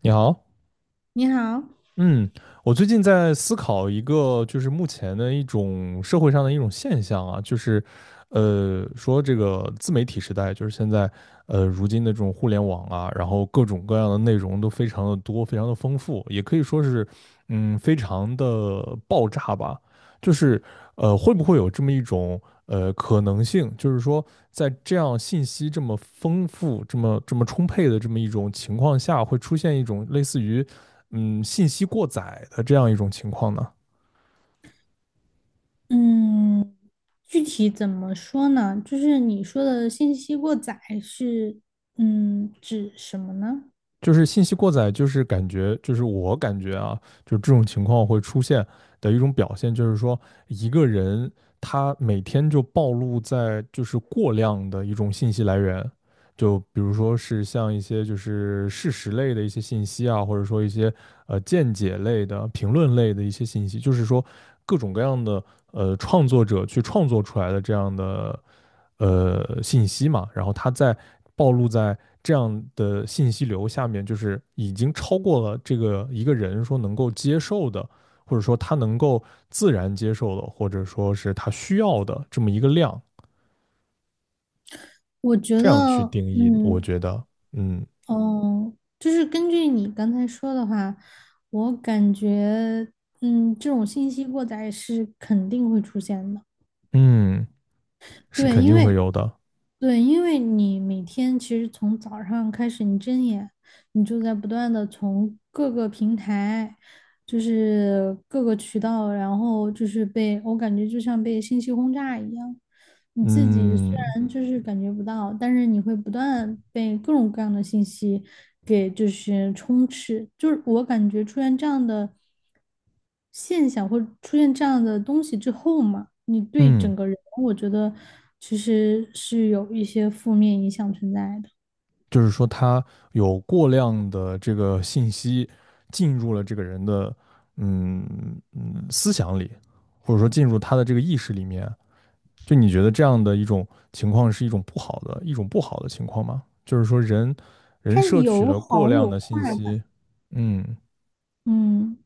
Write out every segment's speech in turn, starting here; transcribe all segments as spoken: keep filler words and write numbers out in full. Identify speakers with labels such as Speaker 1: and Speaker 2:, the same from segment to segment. Speaker 1: 你好。
Speaker 2: 你好。
Speaker 1: 嗯。我最近在思考一个，就是目前的一种社会上的一种现象啊，就是，呃，说这个自媒体时代，就是现在，呃，如今的这种互联网啊，然后各种各样的内容都非常的多，非常的丰富，也可以说是，嗯，非常的爆炸吧。就是，呃，会不会有这么一种，呃，可能性，就是说，在这样信息这么丰富、这么这么充沛的这么一种情况下，会出现一种类似于。嗯信息过载的这样一种情况呢？
Speaker 2: 嗯，具体怎么说呢？就是你说的信息过载是，嗯，指什么呢？
Speaker 1: 就是信息过载，就是感觉，就是我感觉啊，就这种情况会出现的一种表现，就是说一个人他每天就暴露在就是过量的一种信息来源，就比如说是像一些就是事实类的一些信息啊，或者说一些呃见解类的、评论类的一些信息，就是说各种各样的呃创作者去创作出来的这样的呃信息嘛，然后它在暴露在这样的信息流下面，就是已经超过了这个一个人说能够接受的，或者说他能够自然接受的，或者说是他需要的这么一个量，
Speaker 2: 我觉
Speaker 1: 这样去
Speaker 2: 得，
Speaker 1: 定义，我
Speaker 2: 嗯，
Speaker 1: 觉得，嗯
Speaker 2: 哦，就是根据你刚才说的话，我感觉，嗯，这种信息过载是肯定会出现的。
Speaker 1: 嗯，是
Speaker 2: 对，
Speaker 1: 肯
Speaker 2: 因
Speaker 1: 定
Speaker 2: 为
Speaker 1: 会有的。
Speaker 2: 对，因为你每天其实从早上开始，你睁眼，你就在不断的从各个平台，就是各个渠道，然后就是被，我感觉就像被信息轰炸一样。你自己虽
Speaker 1: 嗯
Speaker 2: 然就是感觉不到，但是你会不断被各种各样的信息给就是充斥。就是我感觉出现这样的现象或者出现这样的东西之后嘛，你对
Speaker 1: 嗯。
Speaker 2: 整个人，我觉得其实是有一些负面影响存在的。
Speaker 1: 就是说他有过量的这个信息进入了这个人的嗯嗯思想里，或者说进入他的这个意识里面。就你觉得这样的一种情况是一种不好的一种不好的情况吗？就是说人人
Speaker 2: 它
Speaker 1: 摄取
Speaker 2: 有
Speaker 1: 了过
Speaker 2: 好有
Speaker 1: 量的信
Speaker 2: 坏
Speaker 1: 息。
Speaker 2: 吧，
Speaker 1: 嗯
Speaker 2: 嗯。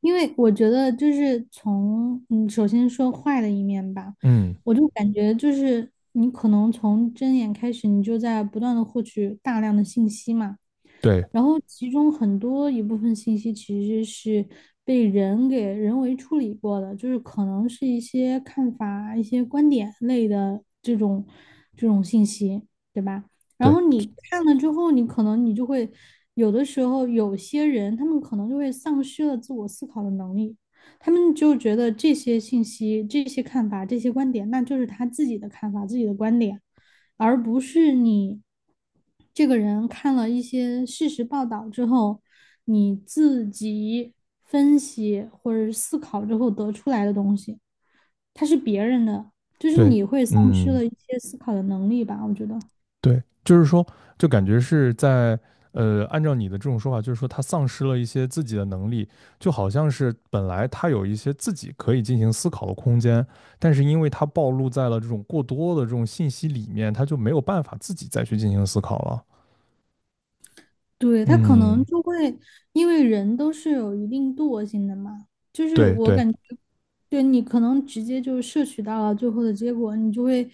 Speaker 2: 因为我觉得就是从嗯，首先说坏的一面吧，
Speaker 1: 嗯。
Speaker 2: 我就感觉就是你可能从睁眼开始，你就在不断的获取大量的信息嘛，
Speaker 1: 对
Speaker 2: 然后其中很多一部分信息其实是被人给人为处理过的，就是可能是一些看法、一些观点类的这种这种信息，对吧？然
Speaker 1: 对
Speaker 2: 后你看了之后，你可能你就会有的时候有些人他们可能就会丧失了自我思考的能力，他们就觉得这些信息、这些看法、这些观点，那就是他自己的看法、自己的观点。而不是你这个人看了一些事实报道之后，你自己分析或者思考之后得出来的东西，它是别人的，就是
Speaker 1: 对，
Speaker 2: 你会丧失
Speaker 1: 嗯
Speaker 2: 了一些思考的能力吧，我觉得。
Speaker 1: 对，就是说，就感觉是在呃，按照你的这种说法，就是说他丧失了一些自己的能力，就好像是本来他有一些自己可以进行思考的空间，但是因为他暴露在了这种过多的这种信息里面，他就没有办法自己再去进行思考了。
Speaker 2: 对，他可能
Speaker 1: 嗯。
Speaker 2: 就会，因为人都是有一定惰性的嘛，就是
Speaker 1: 对
Speaker 2: 我
Speaker 1: 对。
Speaker 2: 感觉，对你可能直接就摄取到了最后的结果，你就会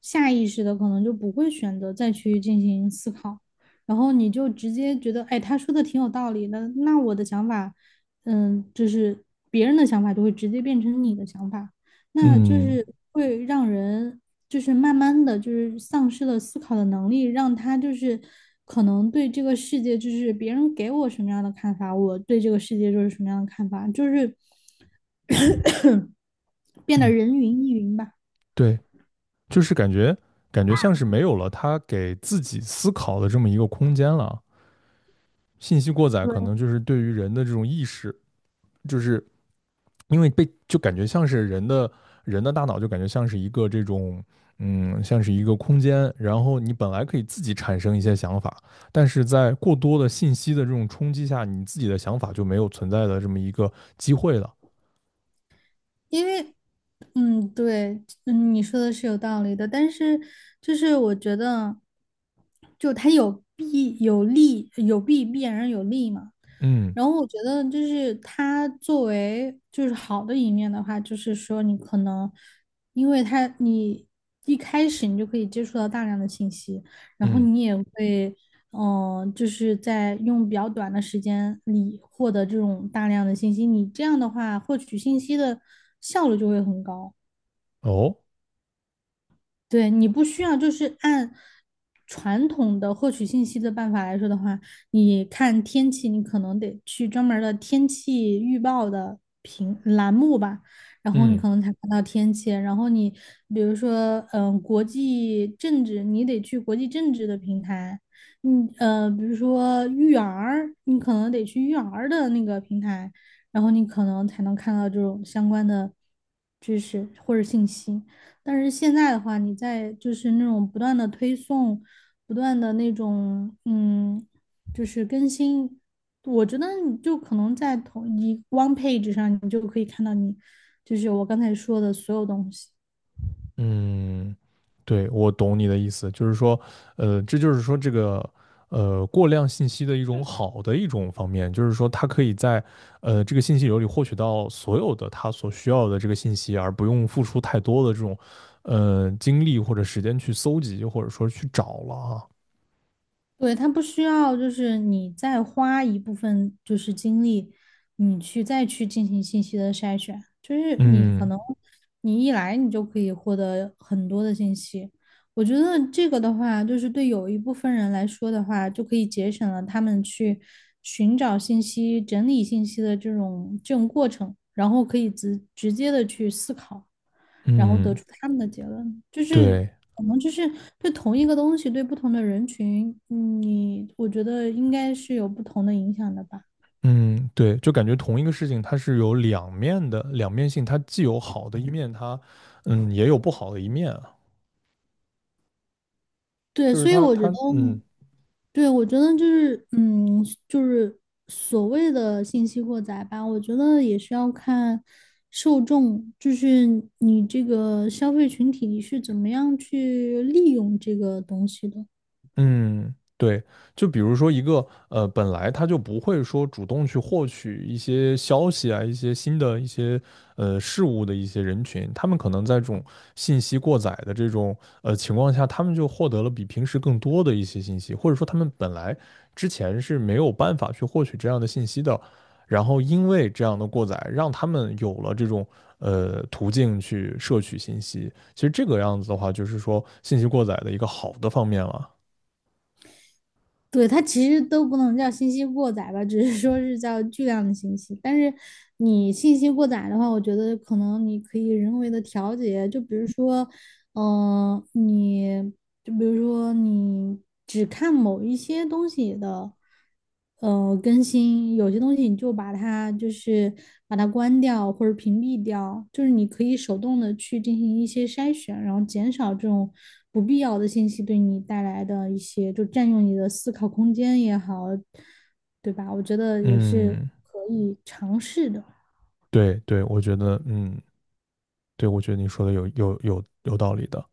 Speaker 2: 下意识的可能就不会选择再去进行思考，然后你就直接觉得，哎，他说的挺有道理的，那我的想法，嗯，就是别人的想法就会直接变成你的想法，那就
Speaker 1: 嗯
Speaker 2: 是会让人就是慢慢的就是丧失了思考的能力，让他就是可能对这个世界，就是别人给我什么样的看法，我对这个世界就是什么样的看法，就是变得
Speaker 1: 嗯。
Speaker 2: 人云亦云吧。
Speaker 1: 对，就是感觉感觉像是没有了他给自己思考的这么一个空间了。信息过载
Speaker 2: 对，
Speaker 1: 可能就是对于人的这种意识，就是因为被就感觉像是人的人的大脑就感觉像是一个这种嗯，像是一个空间，然后你本来可以自己产生一些想法，但是在过多的信息的这种冲击下，你自己的想法就没有存在的这么一个机会了。
Speaker 2: 因为，嗯，对，嗯，你说的是有道理的，但是就是我觉得，就它有弊有利，有弊必然有利嘛。
Speaker 1: 嗯
Speaker 2: 然后我觉得就是它作为就是好的一面的话，就是说你可能因为它你一开始你就可以接触到大量的信息，然后
Speaker 1: 嗯。
Speaker 2: 你也会，嗯、就是在用比较短的时间里获得这种大量的信息，你这样的话获取信息的效率就会很高。
Speaker 1: 哦。
Speaker 2: 对，你不需要，就是按传统的获取信息的办法来说的话，你看天气，你可能得去专门儿的天气预报的屏栏目吧，然后你
Speaker 1: 嗯。
Speaker 2: 可能才看到天气。然后你比如说，嗯、国际政治，你得去国际政治的平台，嗯，呃，比如说育儿，你可能得去育儿的那个平台，然后你可能才能看到这种相关的知识或者信息。但是现在的话，你在就是那种不断的推送，不断的那种嗯，就是更新，我觉得你就可能在同一 one page 上，你就可以看到你就是我刚才说的所有东西。
Speaker 1: 嗯，对，我懂你的意思，就是说，呃，这就是说这个，呃，过量信息的一种好的一种方面，就是说他可以在，呃，这个信息流里获取到所有的他所需要的这个信息，而不用付出太多的这种，呃，精力或者时间去搜集，或者说去找了啊。
Speaker 2: 对，它不需要就是你再花一部分就是精力，你去再去进行信息的筛选，就是你可
Speaker 1: 嗯
Speaker 2: 能你一来你就可以获得很多的信息。我觉得这个的话，就是对有一部分人来说的话，就可以节省了他们去寻找信息、整理信息的这种这种过程，然后可以直直接的去思考，然后得
Speaker 1: 嗯。
Speaker 2: 出他们的结论。就是
Speaker 1: 对。
Speaker 2: 可能就是对同一个东西，对不同的人群，嗯你我觉得应该是有不同的影响的吧。
Speaker 1: 嗯对，就感觉同一个事情它是有两面的，两面性，它既有好的一面，它，嗯，也有不好的一面啊。
Speaker 2: 对，
Speaker 1: 就是
Speaker 2: 所以
Speaker 1: 他
Speaker 2: 我觉得
Speaker 1: 他嗯，
Speaker 2: 对，我觉得就是，嗯，就是所谓的信息过载吧，我觉得也是要看受众，就是你这个消费群体你是怎么样去利用这个东西的。
Speaker 1: 嗯，对，就比如说一个呃，本来他就不会说主动去获取一些消息啊，一些新的一些呃事物的一些人群，他们可能在这种信息过载的这种呃情况下，他们就获得了比平时更多的一些信息，或者说他们本来之前是没有办法去获取这样的信息的，然后因为这样的过载，让他们有了这种呃途径去摄取信息。其实这个样子的话，就是说信息过载的一个好的方面了。
Speaker 2: 对，它其实都不能叫信息过载吧，只是说是叫巨量的信息。但是你信息过载的话，我觉得可能你可以人为的调节，就比如说，嗯，你就比如说你只看某一些东西的，呃，更新，有些东西你就把它就是把它关掉或者屏蔽掉，就是你可以手动的去进行一些筛选，然后减少这种不必要的信息对你带来的一些，就占用你的思考空间也好，对吧？我觉得也是
Speaker 1: 嗯，
Speaker 2: 可以尝试的。
Speaker 1: 对对，我觉得，嗯，对，我觉得你说的有有有有道理的。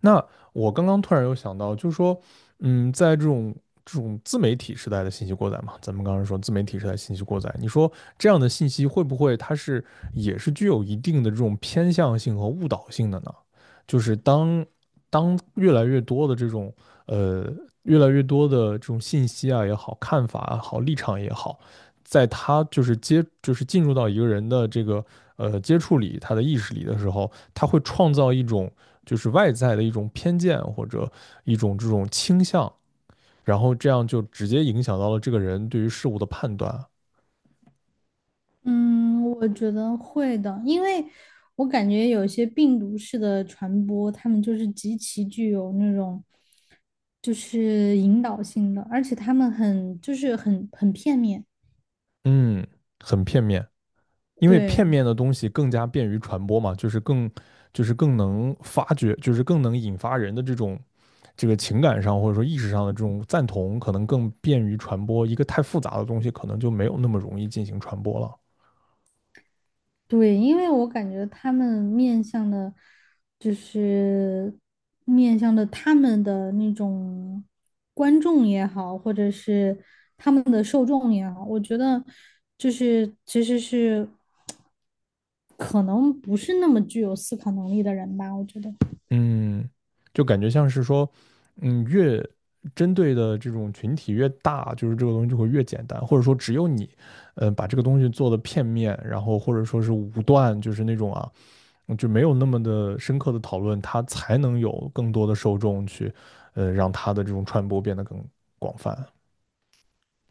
Speaker 1: 那我刚刚突然有想到，就是说，嗯，在这种这种自媒体时代的信息过载嘛，咱们刚刚说自媒体时代信息过载，你说这样的信息会不会它是也是具有一定的这种偏向性和误导性的呢？就是当当越来越多的这种呃越来越多的这种信息啊也好，看法也好，立场也好，在他就是接就是进入到一个人的这个呃接触里，他的意识里的时候，他会创造一种就是外在的一种偏见或者一种这种倾向，然后这样就直接影响到了这个人对于事物的判断啊。
Speaker 2: 嗯，我觉得会的，因为我感觉有些病毒式的传播，他们就是极其具有那种就是引导性的，而且他们很就是很很片面。
Speaker 1: 嗯，很片面。因为
Speaker 2: 对
Speaker 1: 片面的东西更加便于传播嘛，就是更就是更能发掘，就是更能引发人的这种这个情感上或者说意识上的这种赞同，可能更便于传播。一个太复杂的东西，可能就没有那么容易进行传播了。
Speaker 2: 对，因为我感觉他们面向的，就是面向的他们的那种观众也好，或者是他们的受众也好，我觉得就是其实是。可能不是那么具有思考能力的人吧，我觉得。
Speaker 1: 嗯，就感觉像是说，嗯，越针对的这种群体越大，就是这个东西就会越简单，或者说只有你，嗯、呃把这个东西做的片面，然后或者说是武断，就是那种啊。就没有那么的深刻的讨论，它才能有更多的受众去，呃，让它的这种传播变得更广泛。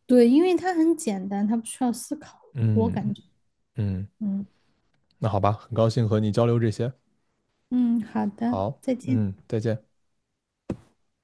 Speaker 2: 对，因为它很简单，它不需要思考，我
Speaker 1: 嗯
Speaker 2: 感觉。
Speaker 1: 嗯。
Speaker 2: 嗯
Speaker 1: 那好吧，很高兴和你交流这些。
Speaker 2: 嗯，好的，
Speaker 1: 好，
Speaker 2: 再见。
Speaker 1: 嗯，再见。